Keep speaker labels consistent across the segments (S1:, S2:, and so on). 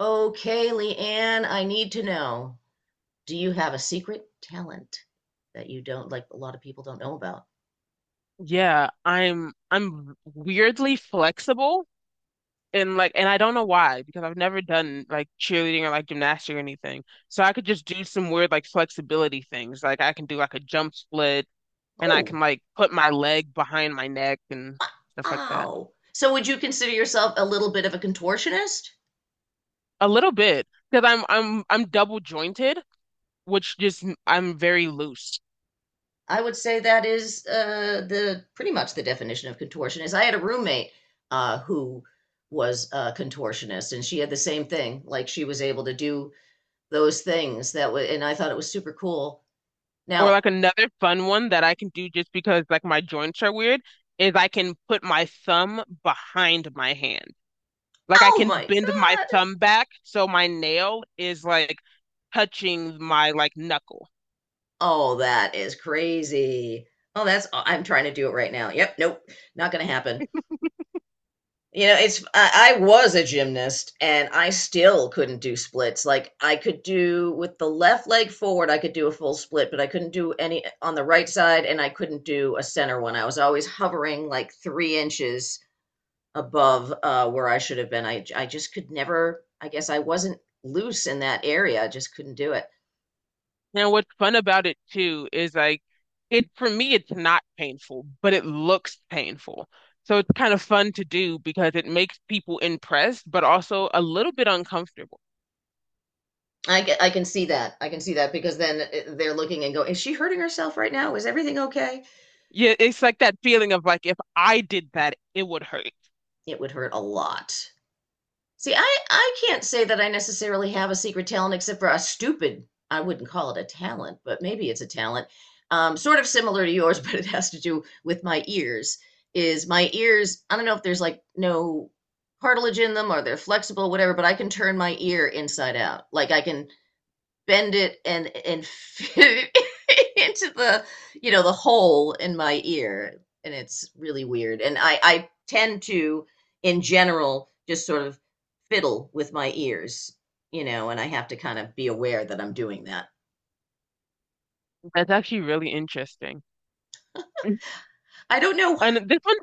S1: Okay, Leanne, I need to know. Do you have a secret talent that you don't a lot of people don't know about?
S2: Yeah, I'm weirdly flexible and I don't know why because I've never done like cheerleading or like gymnastics or anything. So I could just do some weird like flexibility things. Like I can do like a jump split, and I
S1: Oh,
S2: can like put my leg behind my neck and stuff like that.
S1: wow. So would you consider yourself a little bit of a contortionist?
S2: A little bit because I'm double jointed, which just I'm very loose.
S1: I would say that is the pretty much the definition of contortionist. I had a roommate who was a contortionist, and she had the same thing. Like she was able to do those things that was, and I thought it was super cool.
S2: Or
S1: Now,
S2: like another fun one that I can do just because like my joints are weird is I can put my thumb behind my hand. Like I
S1: oh
S2: can
S1: my
S2: bend my
S1: God.
S2: thumb back so my nail is like touching my like knuckle.
S1: Oh, that is crazy. Oh, that's I'm trying to do it right now. Yep, nope, not gonna happen. It's I was a gymnast and I still couldn't do splits. Like I could do with the left leg forward, I could do a full split, but I couldn't do any on the right side and I couldn't do a center one. I was always hovering like 3 inches above where I should have been. I just could never, I guess I wasn't loose in that area. I just couldn't do it.
S2: And what's fun about it too is like it for me it's not painful, but it looks painful. So it's kind of fun to do because it makes people impressed, but also a little bit uncomfortable.
S1: I get. I can see that. I can see that because then they're looking and go, is she hurting herself right now? Is everything okay?
S2: Yeah, it's like that feeling of like if I did that, it would hurt.
S1: It would hurt a lot. See, I can't say that I necessarily have a secret talent except for a stupid, I wouldn't call it a talent, but maybe it's a talent, sort of similar to yours, but it has to do with my ears. Is my ears, I don't know if there's like no cartilage in them or they're flexible, whatever, but I can turn my ear inside out. Like I can bend it and fit it into the the hole in my ear, and it's really weird, and I tend to in general just sort of fiddle with my ears, and I have to kind of be aware that I'm doing that.
S2: That's actually really interesting. And
S1: I don't know.
S2: this one,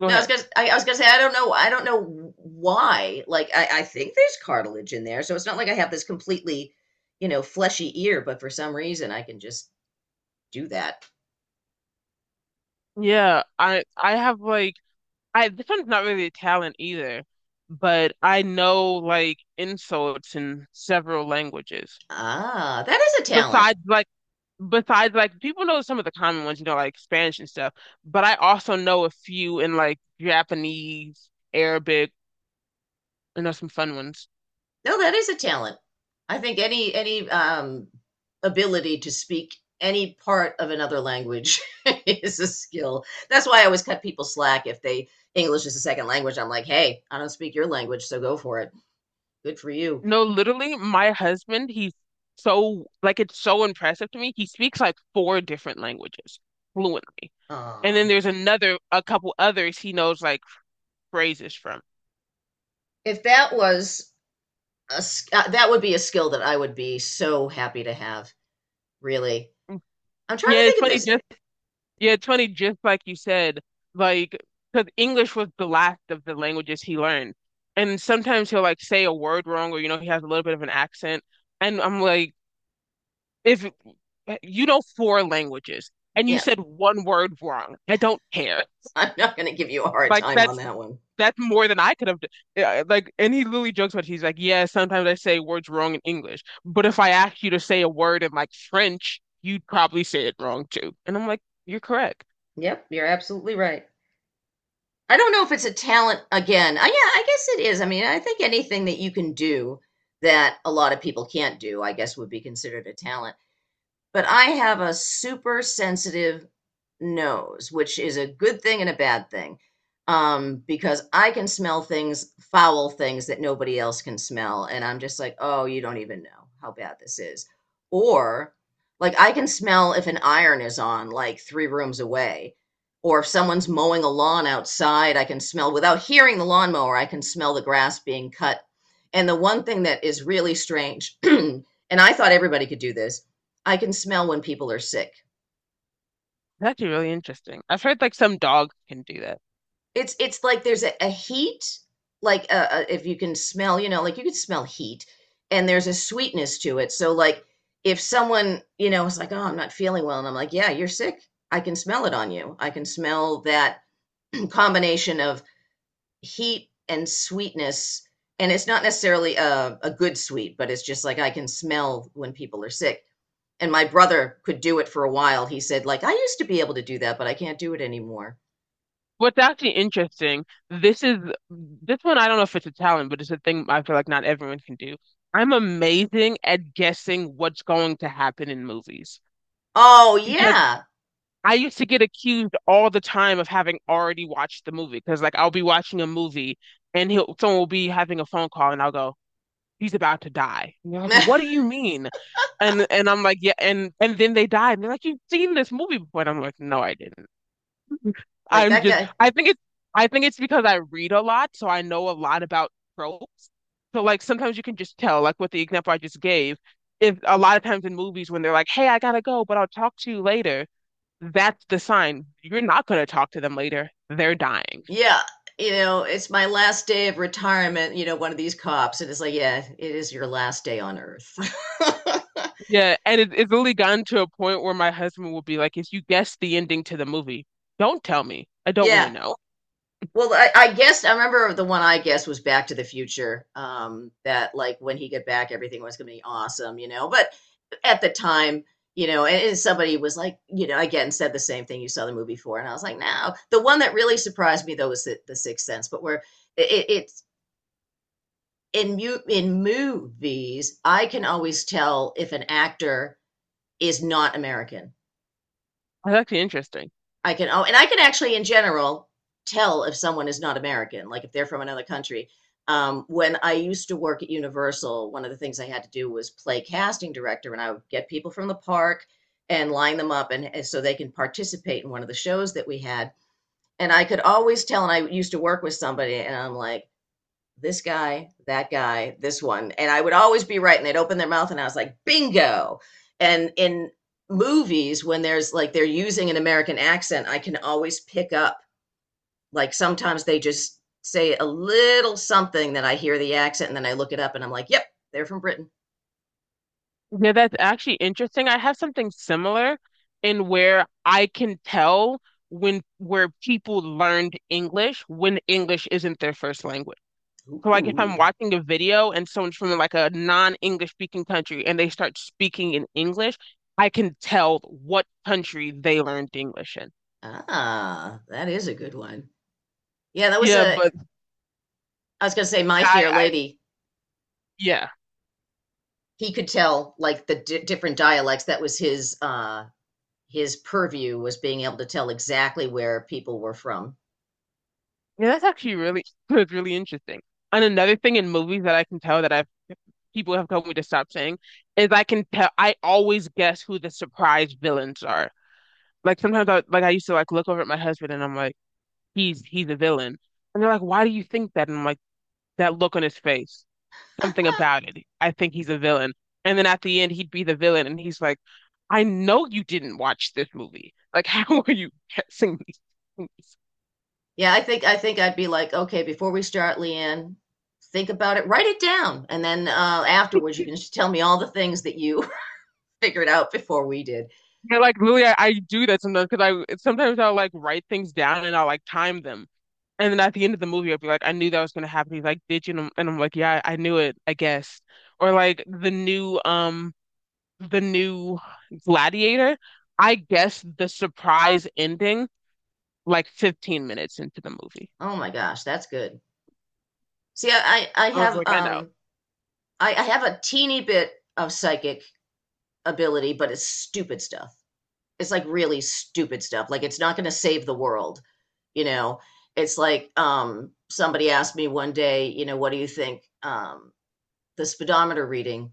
S2: go
S1: No I was
S2: ahead.
S1: gonna I was gonna say, I don't know, I don't know why, like I think there's cartilage in there, so it's not like I have this completely, fleshy ear, but for some reason I can just do that.
S2: Yeah, I have like I this one's not really a talent either, but I know like insults in several languages.
S1: Ah, that is a talent.
S2: Besides like besides like people know some of the common ones, you know, like Spanish and stuff, but I also know a few in like Japanese, Arabic, I know some fun ones.
S1: No, that is a talent. I think any ability to speak any part of another language is a skill. That's why I always cut people slack if they English is a second language. I'm like, hey, I don't speak your language, so go for it. Good for you.
S2: No, literally, my husband, he's so like it's so impressive to me. He speaks like four different languages fluently. And
S1: Uh,
S2: then there's another a couple others he knows like phrases from.
S1: if that was a that would be a skill that I would be so happy to have. Really, I'm trying
S2: Yeah,
S1: to think
S2: it's
S1: if
S2: funny
S1: there's.
S2: just Yeah, it's funny, just like you said, like, because English was the last of the languages he learned. And sometimes he'll like say a word wrong or, you know, he has a little bit of an accent. And I'm like, if you know four languages and you
S1: Yeah,
S2: said one word wrong, I don't care.
S1: I'm not going to give you a hard
S2: Like,
S1: time on that one.
S2: that's more than I could have done. Yeah, like, and he literally jokes about it. He's like, yeah, sometimes I say words wrong in English, but if I asked you to say a word in like French, you'd probably say it wrong too. And I'm like, you're correct.
S1: Yep, you're absolutely right. I don't know if it's a talent again. Yeah, I guess it is. I mean, I think anything that you can do that a lot of people can't do, I guess would be considered a talent. But I have a super sensitive nose, which is a good thing and a bad thing. Because I can smell things, foul things that nobody else can smell. And I'm just like, oh, you don't even know how bad this is. Or like I can smell if an iron is on, like three rooms away. Or if someone's mowing a lawn outside, I can smell without hearing the lawnmower, I can smell the grass being cut. And the one thing that is really strange, and I thought everybody could do this, I can smell when people are sick.
S2: That's actually really interesting. I've heard like some dogs can do that.
S1: It's like there's a heat, like if you can smell, you know, like you could smell heat, and there's a sweetness to it. So like if someone, you know, is like, oh, I'm not feeling well, and I'm like, yeah, you're sick. I can smell it on you. I can smell that combination of heat and sweetness. And it's not necessarily a good sweet, but it's just like I can smell when people are sick. And my brother could do it for a while. He said, like, I used to be able to do that, but I can't do it anymore.
S2: What's actually interesting, this is this one I don't know if it's a talent, but it's a thing I feel like not everyone can do. I'm amazing at guessing what's going to happen in movies
S1: Oh,
S2: because I used to get accused all the time of having already watched the movie because like I'll be watching a movie and he'll someone will be having a phone call and I'll go, he's about to die. And they're like,
S1: yeah.
S2: what do you mean? And I'm like, yeah, and then they died. And they're like, you've seen this movie before. And I'm like, no, I didn't.
S1: Like
S2: I'm
S1: that
S2: just
S1: guy,
S2: I think it's I think it's because I read a lot, so I know a lot about tropes. So like sometimes you can just tell, like with the example I just gave, if a lot of times in movies when they're like, "Hey, I gotta go, but I'll talk to you later," that's the sign you're not gonna talk to them later. They're dying.
S1: yeah, you know, it's my last day of retirement, you know, one of these cops. And it's like, yeah, it is your last day on earth.
S2: Yeah, and it's literally gotten to a point where my husband will be like, "If you guess the ending to the movie, don't tell me. I don't want to
S1: Yeah.
S2: know."
S1: Well, I guess I remember the one I guess was Back to the Future. That like when he got back, everything was gonna be awesome, you know. But at the time, you know, and somebody was like, you know, again said the same thing you saw the movie for, and I was like, no. The one that really surprised me though was the Sixth Sense, but where it in movies, I can always tell if an actor is not American.
S2: That's actually interesting.
S1: I can oh, and I can actually, in general, tell if someone is not American, like if they're from another country. When I used to work at Universal, one of the things I had to do was play casting director, and I would get people from the park and line them up, and so they can participate in one of the shows that we had. And I could always tell, and I used to work with somebody, and I'm like, this guy, that guy, this one. And I would always be right. And they'd open their mouth and I was like, bingo. And in movies, when there's like they're using an American accent, I can always pick up, like sometimes they just say a little something that I hear the accent and then I look it up and I'm like, yep, they're from Britain.
S2: Yeah, that's actually interesting. I have something similar in where I can tell when where people learned English when English isn't their first language. So like if I'm
S1: Ooh,
S2: watching a video and someone's from like a non-English speaking country and they start speaking in English, I can tell what country they learned English in.
S1: ah, that is a good one. Yeah, that was
S2: Yeah, but
S1: I was going to say, My
S2: yeah,
S1: Fair
S2: I
S1: Lady.
S2: yeah.
S1: He could tell like the di different dialects. That was his purview was being able to tell exactly where people were from.
S2: Yeah, that's actually really, that's really interesting. And another thing in movies that I can tell that I've people have told me to stop saying is I can tell I always guess who the surprise villains are. Like sometimes I used to like look over at my husband and I'm like, he's a villain. And they're like, why do you think that? And I'm like, that look on his face, something about it. I think he's a villain. And then at the end he'd be the villain and he's like, I know you didn't watch this movie. Like, how are you guessing these things?
S1: Yeah, I think I'd be like, okay, before we start, Leanne, think about it, write it down, and then afterwards you can just tell me all the things that you figured out before we did.
S2: Yeah, like literally, I do that sometimes because I sometimes I'll like write things down and I'll like time them, and then at the end of the movie I'll be like, I knew that was gonna happen. He's like, did you? And I'm like, yeah, I knew it, I guess. Or like the new the new Gladiator, I guess the surprise ending like 15 minutes into the movie.
S1: Oh my gosh, that's good. See,
S2: I was like, I know.
S1: I have a teeny bit of psychic ability, but it's stupid stuff. It's like really stupid stuff. Like it's not going to save the world, you know. It's like somebody asked me one day, you know, what do you think the speedometer reading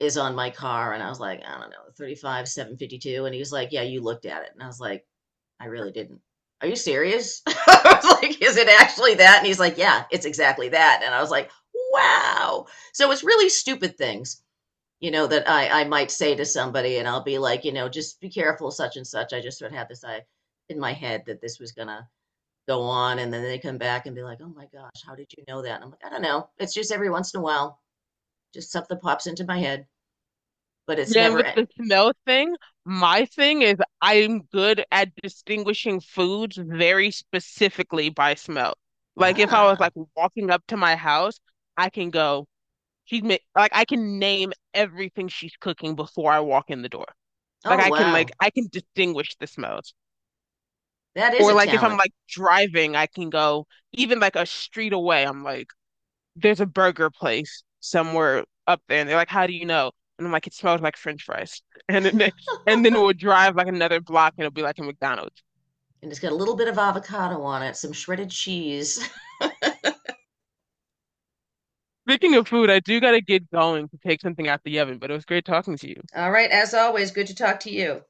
S1: is on my car? And I was like, I don't know, 35, 752. And he was like, yeah, you looked at it. And I was like, I really didn't. Are you serious? I was like, is it actually that? And he's like, yeah, it's exactly that. And I was like, wow. So it's really stupid things, you know, that I might say to somebody and I'll be like, you know, just be careful, such and such. I just sort of had this I in my head that this was gonna go on and then they come back and be like, oh my gosh, how did you know that? And I'm like, I don't know. It's just every once in a while, just something pops into my head, but it's
S2: Then
S1: never
S2: with
S1: end.
S2: the smell thing, my thing is I'm good at distinguishing foods very specifically by smell. Like if I was
S1: Ah.
S2: like walking up to my house, I can go, she's ma like I can name everything she's cooking before I walk in the door. Like
S1: Oh wow.
S2: I can distinguish the smells.
S1: That is
S2: Or
S1: a
S2: like if I'm
S1: talent.
S2: like driving, I can go even like a street away, I'm like, there's a burger place somewhere up there, and they're like, "How do you know?" And I'm like, "It smells like French fries." And then, and then we'll drive like another block, and it'll be like a McDonald's.
S1: And it's got a little bit of avocado on it, some shredded cheese.
S2: Speaking of food, I do gotta get going to take something out the oven, but it was great talking to you.
S1: All right, as always, good to talk to you.